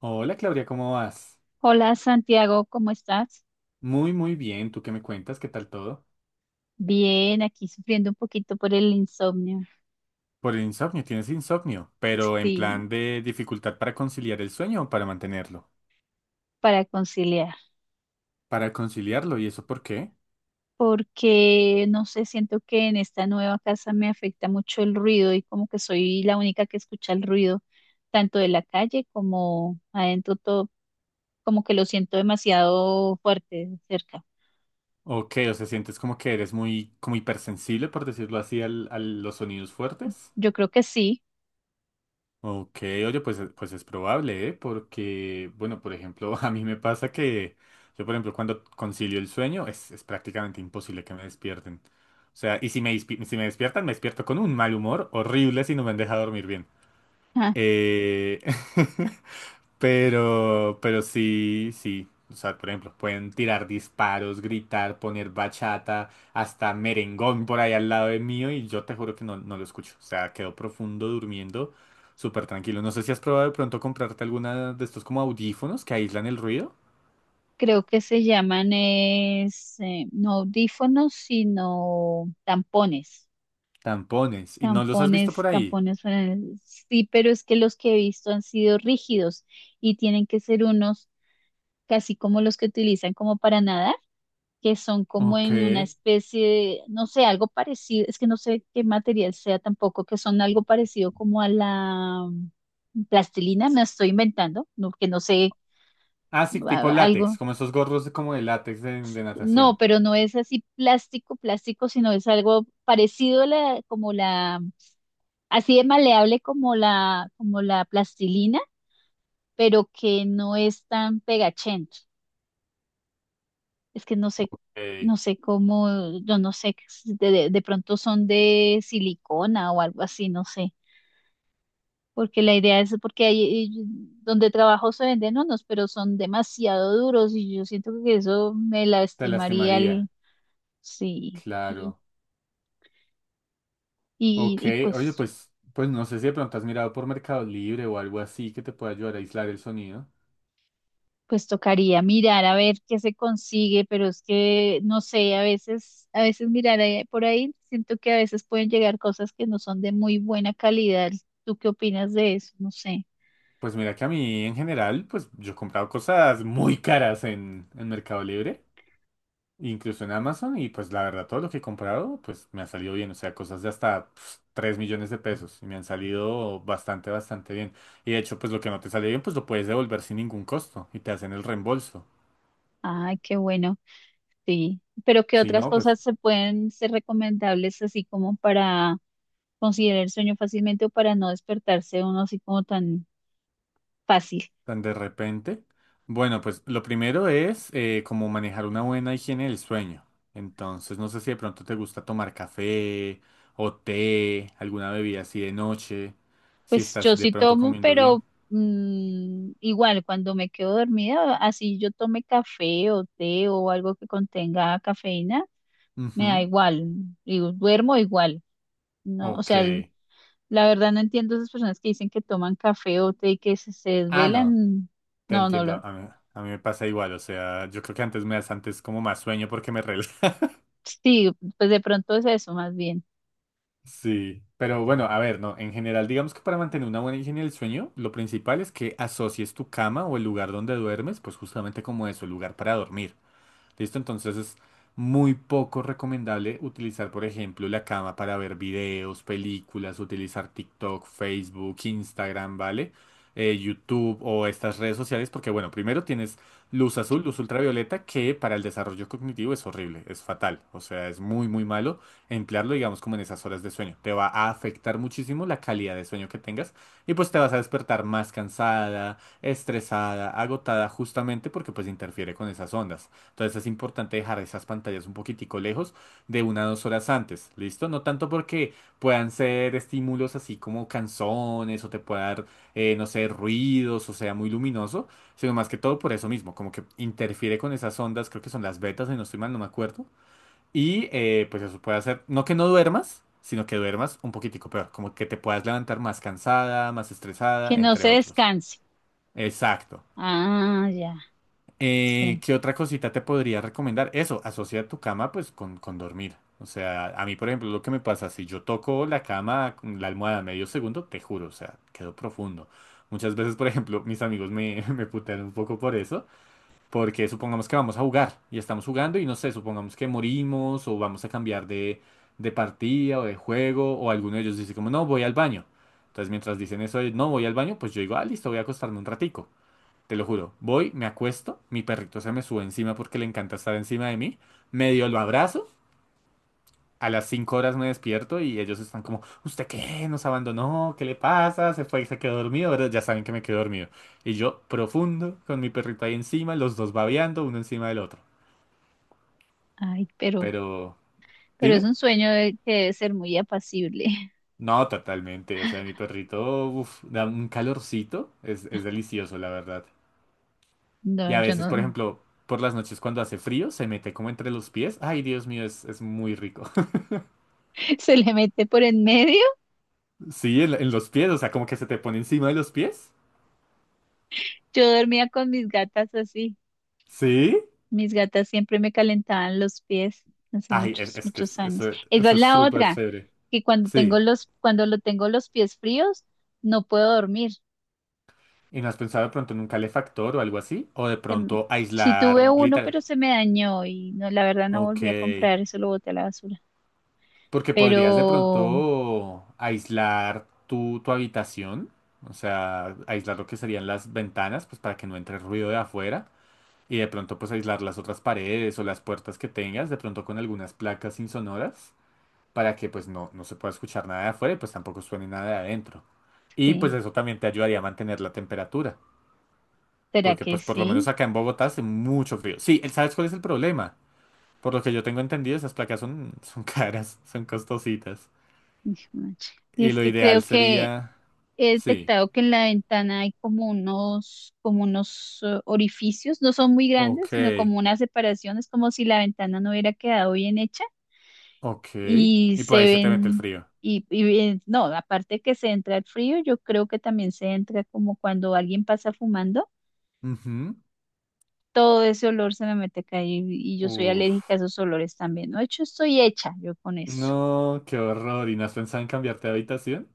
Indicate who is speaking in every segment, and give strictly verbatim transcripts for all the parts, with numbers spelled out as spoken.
Speaker 1: Hola Claudia, ¿cómo vas?
Speaker 2: Hola Santiago, ¿cómo estás?
Speaker 1: Muy, muy bien. ¿Tú qué me cuentas? ¿Qué tal todo?
Speaker 2: Bien, aquí sufriendo un poquito por el insomnio,
Speaker 1: Por el insomnio, tienes insomnio, pero en
Speaker 2: sí,
Speaker 1: plan de dificultad para conciliar el sueño o para mantenerlo.
Speaker 2: para conciliar,
Speaker 1: Para conciliarlo, ¿y eso por qué?
Speaker 2: porque no sé, siento que en esta nueva casa me afecta mucho el ruido y como que soy la única que escucha el ruido, tanto de la calle como adentro, todo, como que lo siento demasiado fuerte cerca.
Speaker 1: ¿O O sea, sientes como que eres muy, como hipersensible, por decirlo así, al- a los sonidos fuertes.
Speaker 2: Yo creo que sí.
Speaker 1: Ok, oye, pues, es- pues es probable, ¿eh? Porque, bueno, por ejemplo, a mí me pasa que yo, por ejemplo, cuando concilio el sueño, es, es prácticamente imposible que me despierten. O sea, y si me, dispi- si me despiertan, me despierto con un mal humor horrible si no me han dejado dormir bien.
Speaker 2: Ah,
Speaker 1: Eh... Pero, pero sí, sí. O sea, por ejemplo, pueden tirar disparos, gritar, poner bachata, hasta merengón por ahí al lado de mío y yo te juro que no, no lo escucho. O sea, quedo profundo durmiendo, súper tranquilo. No sé si has probado de pronto comprarte alguna de estos como audífonos que aíslan el ruido.
Speaker 2: creo que se llaman es, eh, no audífonos, sino tampones.
Speaker 1: Tampones. ¿Y no los has visto
Speaker 2: Tampones.
Speaker 1: por ahí?
Speaker 2: tampones suenan- Sí, pero es que los que he visto han sido rígidos y tienen que ser unos casi como los que utilizan como para nadar, que son como
Speaker 1: Ok.
Speaker 2: en una especie de, no sé, algo parecido, es que no sé qué material sea tampoco, que son algo parecido como a la mm, plastilina, me estoy inventando, no, que no sé,
Speaker 1: Ah, sí, tipo
Speaker 2: a-
Speaker 1: látex,
Speaker 2: algo.
Speaker 1: como esos gorros de, como de látex de, de
Speaker 2: No,
Speaker 1: natación.
Speaker 2: pero no es así plástico, plástico, sino es algo parecido a la, como la así de maleable como la, como la plastilina, pero que no es tan pegachento. Es que no sé,
Speaker 1: Ey.
Speaker 2: no sé cómo, yo no sé, si de, de- de pronto son de silicona o algo así, no sé. Porque la idea es, porque ahí eh, donde trabajo se venden unos, pero son demasiado duros y yo siento que eso me
Speaker 1: Te
Speaker 2: lastimaría
Speaker 1: lastimaría.
Speaker 2: el, sí, y,
Speaker 1: Claro.
Speaker 2: y,
Speaker 1: Ok,
Speaker 2: y
Speaker 1: oye,
Speaker 2: pues.
Speaker 1: pues, pues no sé si de pronto has mirado por Mercado Libre o algo así que te pueda ayudar a aislar el sonido.
Speaker 2: Pues tocaría mirar a ver qué se consigue, pero es que no sé, a veces, a veces mirar ahí- por ahí, siento que a veces pueden llegar cosas que no son de muy buena calidad. ¿Tú qué opinas de eso? No sé.
Speaker 1: Pues mira que a mí en general, pues yo he comprado cosas muy caras en, en Mercado Libre, incluso en Amazon, y pues la verdad todo lo que he comprado, pues me ha salido bien, o sea, cosas de hasta pf, tres millones de pesos, y me han salido bastante, bastante bien. Y de hecho, pues lo que no te sale bien, pues lo puedes devolver sin ningún costo, y te hacen el reembolso.
Speaker 2: Ay, qué bueno, sí. Pero ¿qué
Speaker 1: Si
Speaker 2: otras
Speaker 1: no, pues
Speaker 2: cosas se pueden ser recomendables así como para considerar el sueño fácilmente o para no despertarse uno así como tan fácil?
Speaker 1: tan de repente. Bueno, pues lo primero es eh, como manejar una buena higiene del sueño. Entonces, no sé si de pronto te gusta tomar café o té, alguna bebida así de noche, si
Speaker 2: Pues yo
Speaker 1: estás de
Speaker 2: sí
Speaker 1: pronto
Speaker 2: tomo,
Speaker 1: comiendo bien.
Speaker 2: pero mm, igual cuando me quedo dormida, así yo tome café o té o algo que contenga cafeína, me da
Speaker 1: Ujú,
Speaker 2: igual, digo, duermo igual, ¿no? O
Speaker 1: Ok.
Speaker 2: sea, el- la verdad no entiendo esas personas que dicen que toman café o té y que se, se
Speaker 1: Ah, no,
Speaker 2: desvelan.
Speaker 1: te
Speaker 2: No, no
Speaker 1: entiendo.
Speaker 2: lo.
Speaker 1: A mí, a mí me pasa igual. O sea, yo creo que antes me das antes como más sueño porque me relaja.
Speaker 2: Sí, pues de pronto es eso más bien,
Speaker 1: Sí, pero bueno, a ver, no, en general, digamos que para mantener una buena higiene del sueño, lo principal es que asocies tu cama o el lugar donde duermes, pues justamente como eso, lugar para dormir. ¿Listo? Entonces es muy poco recomendable utilizar, por ejemplo, la cama para ver videos, películas, utilizar TikTok, Facebook, Instagram, ¿vale? Eh, YouTube o estas redes sociales, porque bueno, primero tienes luz azul, luz ultravioleta, que para el desarrollo cognitivo es horrible, es fatal, o sea, es muy, muy malo emplearlo, digamos, como en esas horas de sueño. Te va a afectar muchísimo la calidad de sueño que tengas y pues te vas a despertar más cansada, estresada, agotada, justamente porque pues interfiere con esas ondas. Entonces es importante dejar esas pantallas un poquitico lejos de una o dos horas antes, ¿listo? No tanto porque puedan ser estímulos así como canciones o te pueda dar, eh, no sé, ruidos o sea muy luminoso, sino más que todo por eso mismo, como que interfiere con esas ondas, creo que son las betas, si no estoy mal, no me acuerdo. Y eh, pues eso puede hacer, no que no duermas, sino que duermas un poquitico peor, como que te puedas levantar más cansada, más
Speaker 2: que
Speaker 1: estresada,
Speaker 2: no
Speaker 1: entre
Speaker 2: se
Speaker 1: otros.
Speaker 2: descanse.
Speaker 1: Exacto.
Speaker 2: Ah, ya,
Speaker 1: Eh,
Speaker 2: sí.
Speaker 1: ¿qué otra cosita te podría recomendar? Eso, asocia tu cama pues con, con dormir. O sea, a mí, por ejemplo, lo que me pasa, si yo toco la cama, con la almohada medio segundo, te juro, o sea, quedo profundo. Muchas veces, por ejemplo, mis amigos me, me putean un poco por eso, porque supongamos que vamos a jugar y estamos jugando y no sé, supongamos que morimos o vamos a cambiar de, de partida o de juego o alguno de ellos dice como, no, voy al baño. Entonces, mientras dicen eso de, no, voy al baño, pues yo digo, ah, listo, voy a acostarme un ratico. Te lo juro. Voy, me acuesto, mi perrito se me sube encima porque le encanta estar encima de mí. Medio lo abrazo. A las cinco horas me despierto y ellos están como, ¿usted qué? ¿Nos abandonó? ¿Qué le pasa? ¿Se fue y se quedó dormido? Pero ya saben que me quedo dormido. Y yo, profundo, con mi perrito ahí encima, los dos babeando, uno encima del otro.
Speaker 2: Ay, pero,
Speaker 1: Pero,
Speaker 2: pero es
Speaker 1: dime.
Speaker 2: un sueño de- que debe ser muy apacible.
Speaker 1: No, totalmente. O sea, mi perrito, uf, da un calorcito. Es, es delicioso, la verdad. Y
Speaker 2: No,
Speaker 1: a
Speaker 2: yo
Speaker 1: veces, por
Speaker 2: no.
Speaker 1: ejemplo, por las noches cuando hace frío, se mete como entre los pies. Ay, Dios mío, es, es muy rico.
Speaker 2: se le mete por en medio.
Speaker 1: Sí, en, en los pies, o sea, como que se te pone encima de los pies.
Speaker 2: Yo dormía con mis gatas así.
Speaker 1: Sí.
Speaker 2: Mis gatas siempre me calentaban los pies hace
Speaker 1: Ay, es,
Speaker 2: muchos,
Speaker 1: es que es-
Speaker 2: muchos años.
Speaker 1: eso,
Speaker 2: Esa es
Speaker 1: eso es
Speaker 2: la
Speaker 1: súper
Speaker 2: otra,
Speaker 1: chévere.
Speaker 2: que cuando tengo
Speaker 1: Sí.
Speaker 2: los, cuando lo tengo los pies fríos, no puedo dormir.
Speaker 1: ¿Y no has pensado de pronto en un calefactor o algo así? ¿O de
Speaker 2: Tem-
Speaker 1: pronto
Speaker 2: Sí
Speaker 1: aislar
Speaker 2: tuve uno,
Speaker 1: literal?
Speaker 2: pero se me dañó y no, la verdad no
Speaker 1: Ok.
Speaker 2: volví a comprar, eso lo boté a la basura.
Speaker 1: Porque
Speaker 2: Pero
Speaker 1: podrías de pronto aislar tu, tu habitación. O sea, aislar lo que serían las ventanas, pues para que no entre ruido de afuera. Y de pronto pues aislar las otras paredes o las puertas que tengas, de pronto con algunas placas insonoras. Para que pues no, no se pueda escuchar nada de afuera y pues tampoco suene nada de adentro. Y pues
Speaker 2: sí,
Speaker 1: eso también te ayudaría a mantener la temperatura,
Speaker 2: ¿será
Speaker 1: porque
Speaker 2: que
Speaker 1: pues por lo
Speaker 2: sí?
Speaker 1: menos acá en Bogotá hace mucho frío. Sí, el- ¿sabes cuál es el problema? Por lo que yo tengo entendido, esas placas son, son caras, son costositas.
Speaker 2: Hijo de madre. Y
Speaker 1: Y
Speaker 2: es
Speaker 1: lo
Speaker 2: que creo
Speaker 1: ideal
Speaker 2: que
Speaker 1: sería...
Speaker 2: he
Speaker 1: Sí,
Speaker 2: detectado que en la ventana hay como unos, como unos eh, orificios, no son muy
Speaker 1: ok,
Speaker 2: grandes, sino como unas separaciones. Como si la ventana no hubiera quedado bien hecha
Speaker 1: ok.
Speaker 2: y
Speaker 1: Y
Speaker 2: se
Speaker 1: por ahí se te mete el
Speaker 2: ven,
Speaker 1: frío.
Speaker 2: y, y ven- no, aparte que se entra el frío, yo creo que también se entra como cuando alguien pasa fumando,
Speaker 1: Ujú.
Speaker 2: todo ese olor se me mete acá y, y, yo soy alérgica a
Speaker 1: Uf.
Speaker 2: esos olores también, ¿no? De hecho, estoy hecha yo con eso.
Speaker 1: No, qué horror. ¿Y no has pensado en cambiarte de habitación?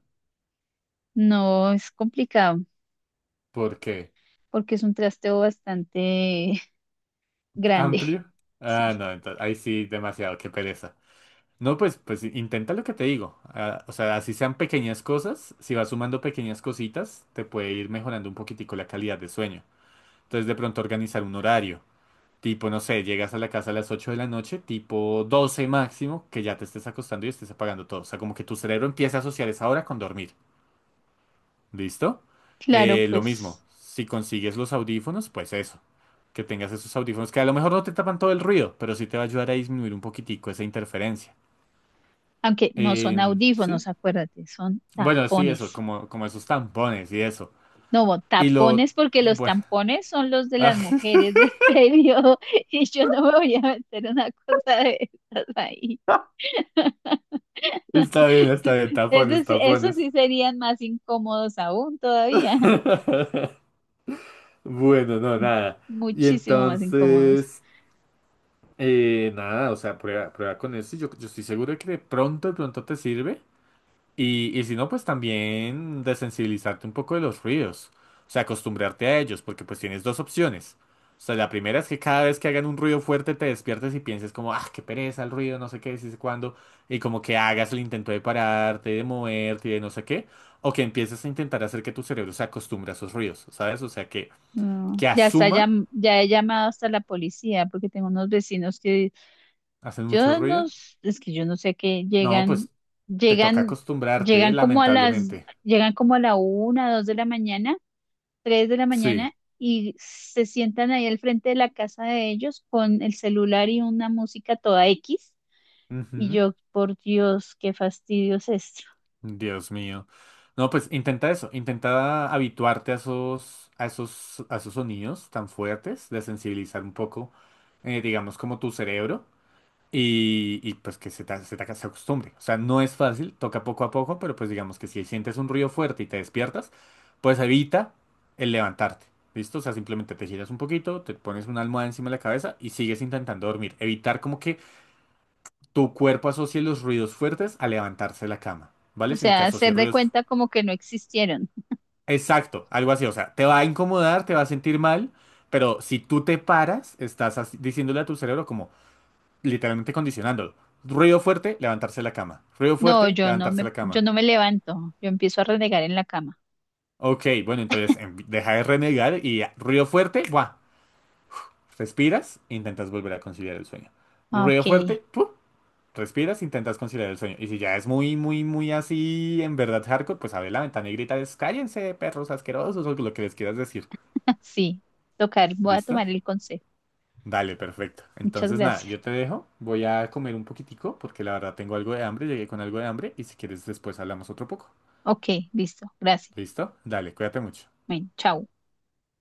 Speaker 2: No, es complicado
Speaker 1: ¿Por qué?
Speaker 2: porque es un trasteo bastante grande.
Speaker 1: ¿Amplio? Ah,
Speaker 2: Sí.
Speaker 1: no, entonces ahí sí, demasiado, qué pereza. No, pues, pues intenta lo que te digo. Ah, o sea, así sean pequeñas cosas, si vas sumando pequeñas cositas, te puede ir mejorando un poquitico la calidad de sueño. Entonces, de pronto organizar un horario. Tipo, no sé, llegas a la casa a las ocho de la noche, tipo doce máximo, que ya te estés acostando y estés apagando todo. O sea, como que tu cerebro empieza a asociar esa hora con dormir. ¿Listo?
Speaker 2: Claro,
Speaker 1: Eh, lo mismo,
Speaker 2: pues,
Speaker 1: si consigues los audífonos, pues eso, que tengas esos audífonos, que a lo mejor no te tapan todo el ruido, pero sí te va a ayudar a disminuir un poquitico esa interferencia.
Speaker 2: aunque no son
Speaker 1: Eh, ¿sí?
Speaker 2: audífonos, acuérdate, son
Speaker 1: Bueno, sí, eso,
Speaker 2: tapones.
Speaker 1: como, como esos tampones y eso.
Speaker 2: No, bo-
Speaker 1: Y lo...
Speaker 2: tapones porque los
Speaker 1: Bueno,
Speaker 2: tampones son los de
Speaker 1: ah,
Speaker 2: las mujeres del periodo y yo no me voy a meter una cosa de esas ahí.
Speaker 1: está bien, está bien,
Speaker 2: Eso
Speaker 1: tapones,
Speaker 2: sí, eso
Speaker 1: tapones.
Speaker 2: sí serían más incómodos aún todavía,
Speaker 1: Bueno, no, nada. Y
Speaker 2: muchísimo más incómodos.
Speaker 1: entonces, eh, nada, o sea, prueba, prueba con eso. Yo, yo estoy seguro de que de pronto, de pronto te sirve. Y, y si no, pues también desensibilizarte un poco de los ruidos. O sea, acostumbrarte a ellos, porque pues tienes dos opciones. O sea, la primera es que cada vez que hagan un ruido fuerte te despiertes y pienses como, ah, qué pereza el ruido, no sé qué, sí sé cuándo. Y como que hagas el intento de pararte, de moverte, de no sé qué. O que empieces a intentar hacer que tu cerebro se acostumbre a esos ruidos, ¿sabes? O sea, que,
Speaker 2: No,
Speaker 1: que
Speaker 2: ya está, ya,
Speaker 1: asuma,
Speaker 2: ya he llamado hasta la policía porque tengo unos vecinos que.
Speaker 1: hacen mucho
Speaker 2: Yo no,
Speaker 1: ruido.
Speaker 2: s- es que yo no sé qué
Speaker 1: No,
Speaker 2: llegan,
Speaker 1: pues te toca
Speaker 2: llegan,
Speaker 1: acostumbrarte,
Speaker 2: llegan como a las,
Speaker 1: lamentablemente.
Speaker 2: llegan como a la una, dos de la mañana, tres de la
Speaker 1: Sí.
Speaker 2: mañana y se sientan ahí al frente de la casa de ellos con el celular y una música toda equis. Y
Speaker 1: Ujú.
Speaker 2: yo, por Dios, qué fastidio es esto.
Speaker 1: Dios mío. No, pues intenta eso, intenta habituarte a esos, a esos, a esos sonidos tan fuertes, de sensibilizar un poco, eh, digamos, como tu cerebro y, y, pues que se te, se te se acostumbre. O sea, no es fácil, toca poco a poco, pero pues digamos que si sientes un ruido fuerte y te despiertas, pues evita el levantarte. ¿Listo? O sea, simplemente te giras un poquito, te pones una almohada encima de la cabeza y sigues intentando dormir. Evitar como que tu cuerpo asocie los ruidos fuertes a levantarse de la cama,
Speaker 2: O
Speaker 1: ¿vale? Sino que
Speaker 2: sea, hacer
Speaker 1: asocie
Speaker 2: de
Speaker 1: ruidos.
Speaker 2: cuenta como que no existieron.
Speaker 1: Exacto, algo así, o sea, te va a incomodar, te va a sentir mal, pero si tú te paras, estás así- diciéndole a tu cerebro como literalmente condicionándolo. Ruido fuerte, levantarse de la cama. Ruido
Speaker 2: No,
Speaker 1: fuerte,
Speaker 2: yo no
Speaker 1: levantarse
Speaker 2: me,
Speaker 1: de la
Speaker 2: yo
Speaker 1: cama.
Speaker 2: no me levanto, yo empiezo a renegar en la cama.
Speaker 1: Ok, bueno, entonces em, deja de renegar y ya, ruido fuerte, ¡buah! Respiras, intentas volver a conciliar el sueño.
Speaker 2: Ah, ok,
Speaker 1: Ruido fuerte, ¡puf! Respiras, intentas conciliar el sueño. Y si ya es muy, muy, muy así, en verdad hardcore, pues abre la ventana y grita, es, cállense, perros asquerosos, o lo que les quieras decir.
Speaker 2: sí, tocar, voy a
Speaker 1: ¿Listo?
Speaker 2: tomar el consejo.
Speaker 1: Dale, perfecto.
Speaker 2: Muchas
Speaker 1: Entonces, nada,
Speaker 2: gracias.
Speaker 1: yo te dejo. Voy a comer un poquitico porque la verdad tengo algo de hambre. Llegué con algo de hambre y si quieres después hablamos otro poco.
Speaker 2: Ok, listo. Gracias.
Speaker 1: ¿Listo? Dale, cuídate mucho.
Speaker 2: Bueno, chao.